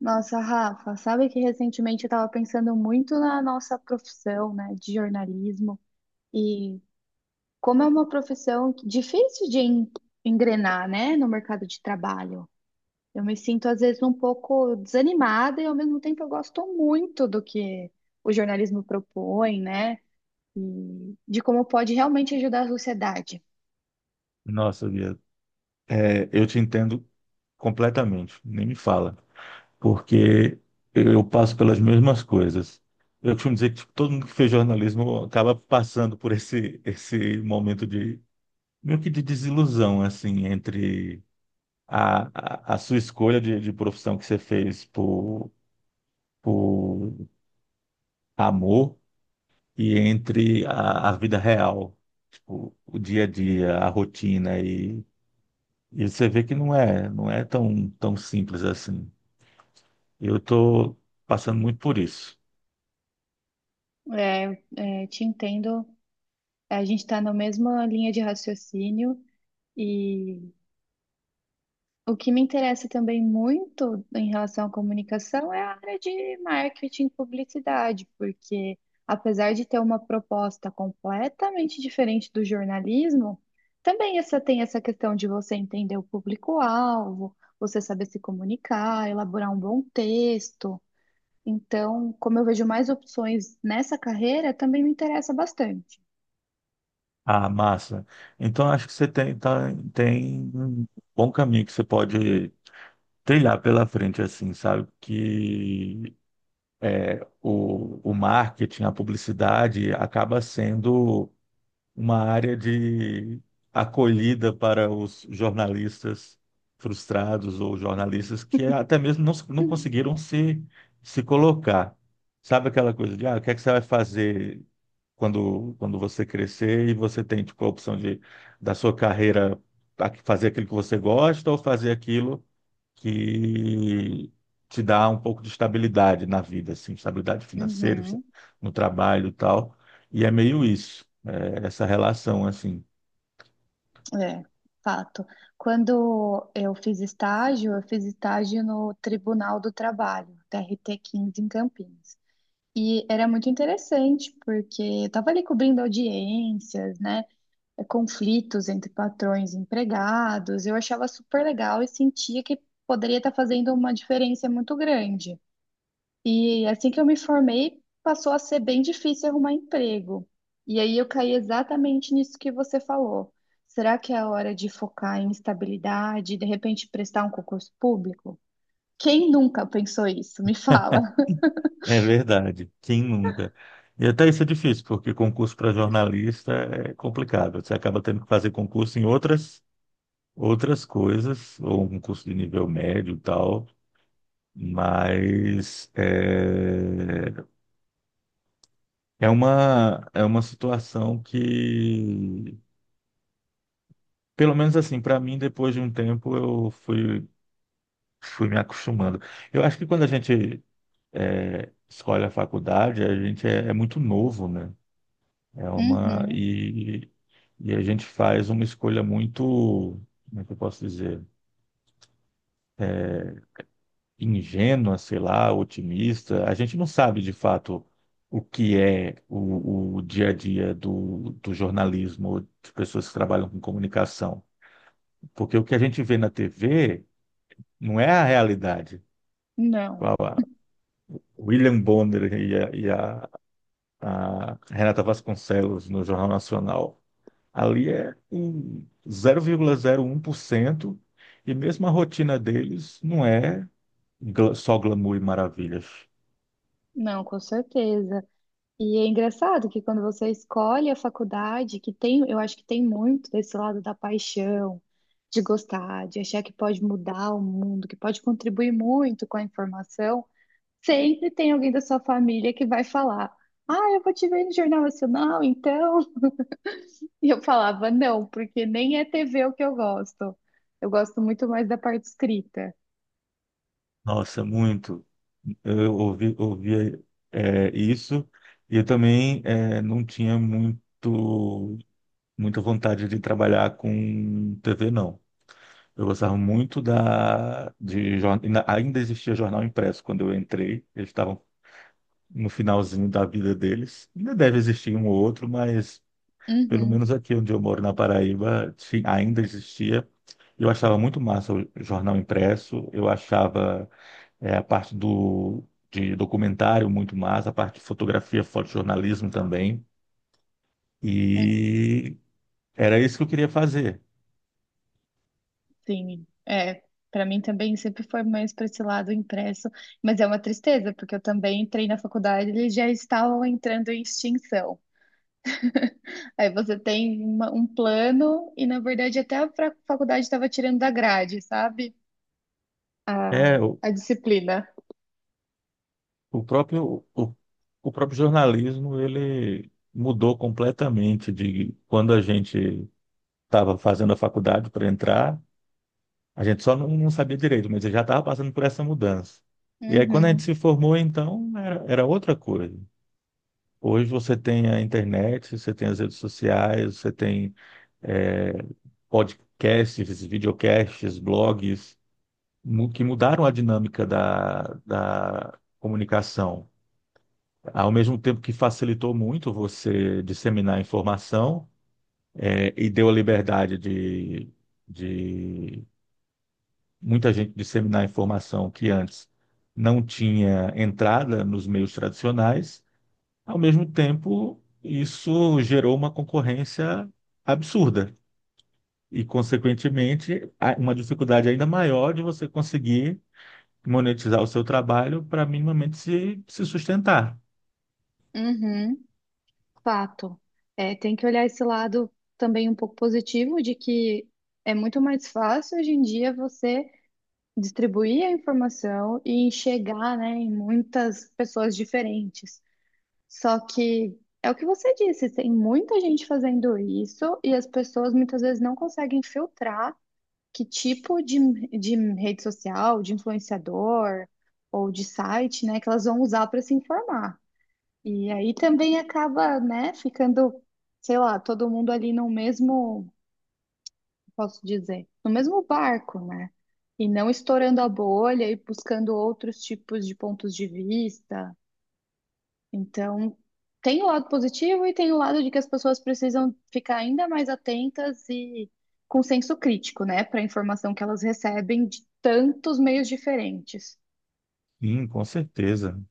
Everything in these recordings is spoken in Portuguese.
Nossa, Rafa, sabe que recentemente eu estava pensando muito na nossa profissão, né, de jornalismo e como é uma profissão difícil de engrenar, né, no mercado de trabalho. Eu me sinto às vezes um pouco desanimada e ao mesmo tempo eu gosto muito do que o jornalismo propõe, né, e de como pode realmente ajudar a sociedade. Nossa, Bia, é, eu te entendo completamente, nem me fala, porque eu passo pelas mesmas coisas. Eu costumo dizer que tipo, todo mundo que fez jornalismo acaba passando por esse momento de, meio que de desilusão, assim, entre a sua escolha de profissão que você fez por amor e entre a vida real, tipo, o dia a dia, a rotina. E você vê que não é tão, tão simples assim. Eu estou passando muito por isso. É, é, te entendo, a gente está na mesma linha de raciocínio. E o que me interessa também muito em relação à comunicação é a área de marketing e publicidade, porque apesar de ter uma proposta completamente diferente do jornalismo, também essa tem essa questão de você entender o público-alvo, você saber se comunicar, elaborar um bom texto. Então, como eu vejo mais opções nessa carreira, também me interessa bastante. Ah, massa. Então acho que você tem um bom caminho que você pode trilhar pela frente, assim, sabe? Que o marketing, a publicidade acaba sendo uma área de acolhida para os jornalistas frustrados ou jornalistas que até mesmo não conseguiram se colocar. Sabe aquela coisa de, ah, o que é que você vai fazer quando você crescer e você tem, tipo, a opção de, da sua carreira fazer aquilo que você gosta ou fazer aquilo que te dá um pouco de estabilidade na vida, assim, estabilidade financeira, Uhum. no trabalho e tal. E é meio isso, essa relação, assim. É, fato. Quando eu fiz estágio no Tribunal do Trabalho, TRT 15 em Campinas. E era muito interessante, porque eu estava ali cobrindo audiências, né? Conflitos entre patrões e empregados. Eu achava super legal e sentia que poderia estar fazendo uma diferença muito grande. E assim que eu me formei, passou a ser bem difícil arrumar emprego. E aí eu caí exatamente nisso que você falou. Será que é a hora de focar em estabilidade e de repente prestar um concurso público? Quem nunca pensou isso? Me fala. É verdade, quem nunca? E até isso é difícil, porque concurso para jornalista é complicado. Você acaba tendo que fazer concurso em outras coisas, ou um concurso de nível médio e tal. Mas é uma situação que. Pelo menos assim, para mim, depois de um tempo, eu fui me acostumando. Eu acho que quando a gente escolhe a faculdade, a gente é muito novo, né? É uma, Uhum. e, e a gente faz uma escolha muito, como é que eu posso dizer? Ingênua, sei lá, otimista. A gente não sabe de fato o que é o dia a dia do jornalismo, de pessoas que trabalham com comunicação. Porque o que a gente vê na TV não é a realidade. Com Não, a William Bonner e a Renata Vasconcelos no Jornal Nacional. Ali é um 0,01% e mesmo a rotina deles não é só glamour e maravilhas. não, com certeza. E é engraçado que quando você escolhe a faculdade, que tem, eu acho que tem muito desse lado da paixão, de gostar, de achar que pode mudar o mundo, que pode contribuir muito com a informação. Sempre tem alguém da sua família que vai falar: Ah, eu vou te ver no Jornal Nacional, então. E eu falava: Não, porque nem é TV o que eu gosto. Eu gosto muito mais da parte escrita. Nossa, muito. Eu ouvia isso, e eu também não tinha muita vontade de trabalhar com TV, não. Eu gostava muito. Da, de, jor- ainda ainda existia jornal impresso quando eu entrei. Eles estavam no finalzinho da vida deles. Ainda deve existir um ou outro, mas pelo Uhum, menos aqui onde eu moro, na Paraíba, sim, ainda existia. Eu achava muito massa o jornal impresso. Eu achava a parte de documentário muito massa, a parte de fotografia, fotojornalismo também. uhum. E era isso que eu queria fazer. Sim, é. Para mim também sempre foi mais para esse lado impresso, mas é uma tristeza, porque eu também entrei na faculdade e eles já estavam entrando em extinção. Aí você tem um plano e, na verdade, até a faculdade estava tirando da grade, sabe? É, A disciplina. O próprio, o, o próprio jornalismo, ele mudou completamente de quando a gente estava fazendo a faculdade para entrar, a gente só não sabia direito, mas eu já estava passando por essa mudança. E aí, quando a gente Uhum, se formou, então, era outra coisa. Hoje você tem a internet, você tem as redes sociais, você tem eh, podcasts, videocasts, blogs, que mudaram a dinâmica da comunicação. Ao mesmo tempo que facilitou muito você disseminar informação, e deu a liberdade de, de muita gente disseminar informação que antes não tinha entrada nos meios tradicionais, ao mesmo tempo isso gerou uma concorrência absurda e, consequentemente, uma dificuldade ainda maior de você conseguir monetizar o seu trabalho para minimamente se sustentar. uhum, fato. É, tem que olhar esse lado também um pouco positivo de que é muito mais fácil hoje em dia você distribuir a informação e enxergar, né, em muitas pessoas diferentes. Só que é o que você disse, tem muita gente fazendo isso e as pessoas muitas vezes não conseguem filtrar que tipo de rede social, de influenciador ou de site, né, que elas vão usar para se informar. E aí também acaba, né, ficando, sei lá, todo mundo ali no mesmo, posso dizer, no mesmo barco, né? E não estourando a bolha e buscando outros tipos de pontos de vista. Então, tem o lado positivo e tem o lado de que as pessoas precisam ficar ainda mais atentas e com senso crítico, né, para a informação que elas recebem de tantos meios diferentes. Sim, com certeza.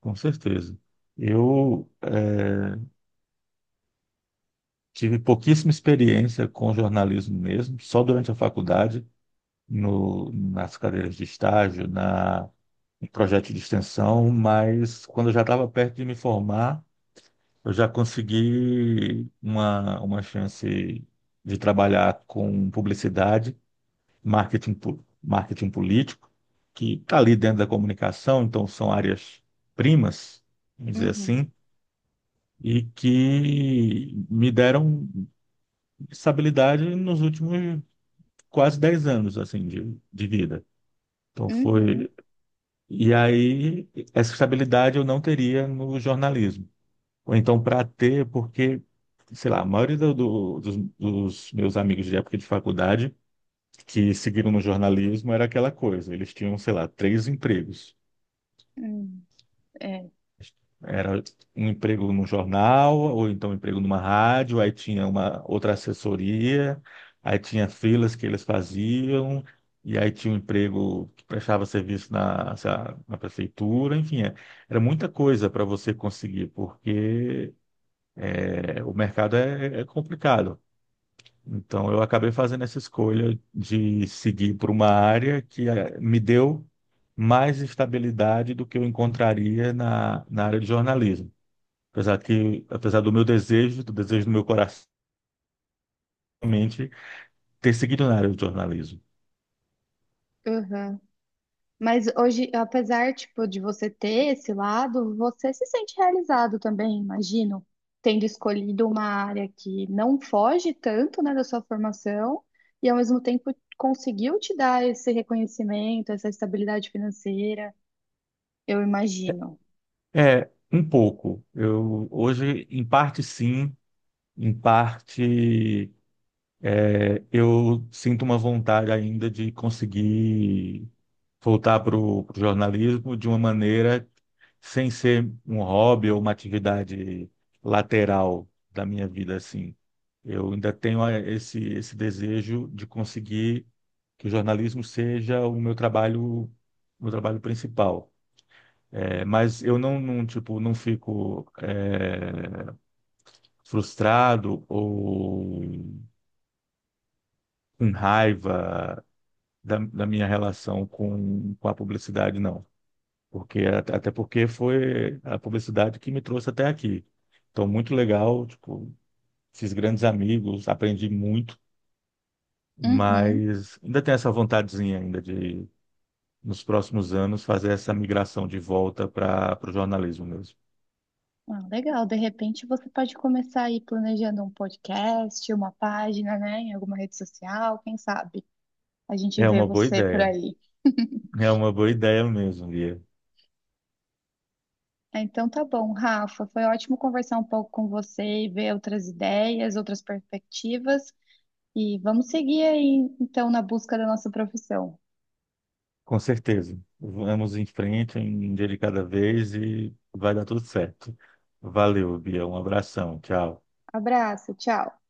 Com certeza. Eu tive pouquíssima experiência com jornalismo mesmo, só durante a faculdade, no, nas cadeiras de estágio, em projeto de extensão, mas quando eu já estava perto de me formar, eu já consegui uma chance de trabalhar com publicidade, marketing, marketing político, que está ali dentro da comunicação, então são áreas primas, vamos dizer Uhum, assim, e que me deram estabilidade nos últimos quase 10 anos assim de vida. Então uhum, foi. E aí essa estabilidade eu não teria no jornalismo. Ou então para ter, porque sei lá, a maioria dos meus amigos de época de faculdade que seguiram no jornalismo era aquela coisa, eles tinham, sei lá, 3 empregos. uhum, é, Era um emprego no jornal, ou então um emprego numa rádio, aí tinha uma outra assessoria, aí tinha filas que eles faziam, e aí tinha um emprego que prestava serviço na, sei lá, na prefeitura, enfim, era muita coisa para você conseguir, porque o mercado é complicado. Então eu acabei fazendo essa escolha de seguir por uma área que me deu mais estabilidade do que eu encontraria na área de jornalismo. Apesar do meu desejo do meu coração, realmente, ter seguido na área do jornalismo. uhum. Mas hoje, apesar, tipo, de você ter esse lado, você se sente realizado também, imagino, tendo escolhido uma área que não foge tanto, né, da sua formação e ao mesmo tempo conseguiu te dar esse reconhecimento, essa estabilidade financeira, eu imagino. É, um pouco. Eu hoje, em parte sim, em parte. Eu sinto uma vontade ainda de conseguir voltar para o jornalismo de uma maneira sem ser um hobby ou uma atividade lateral da minha vida, assim. Eu ainda tenho esse desejo de conseguir que o jornalismo seja o meu trabalho principal. É, mas eu tipo, não fico frustrado ou com raiva da minha relação com a publicidade, não. Porque, até porque foi a publicidade que me trouxe até aqui. Então, muito legal, tipo, fiz grandes amigos, aprendi muito, Uhum. mas ainda tenho essa vontadezinha ainda de, nos próximos anos, fazer essa migração de volta para o jornalismo mesmo. Ah, legal, de repente você pode começar aí planejando um podcast, uma página, né, em alguma rede social, quem sabe? A gente É vê uma boa você por ideia, aí. é uma boa ideia mesmo, Lia. Ah, então tá bom, Rafa. Foi ótimo conversar um pouco com você e ver outras ideias, outras perspectivas. E vamos seguir aí, então, na busca da nossa profissão. Com certeza. Vamos em frente, um dia de cada vez e vai dar tudo certo. Valeu, Bia. Um abração. Tchau. Abraço, tchau.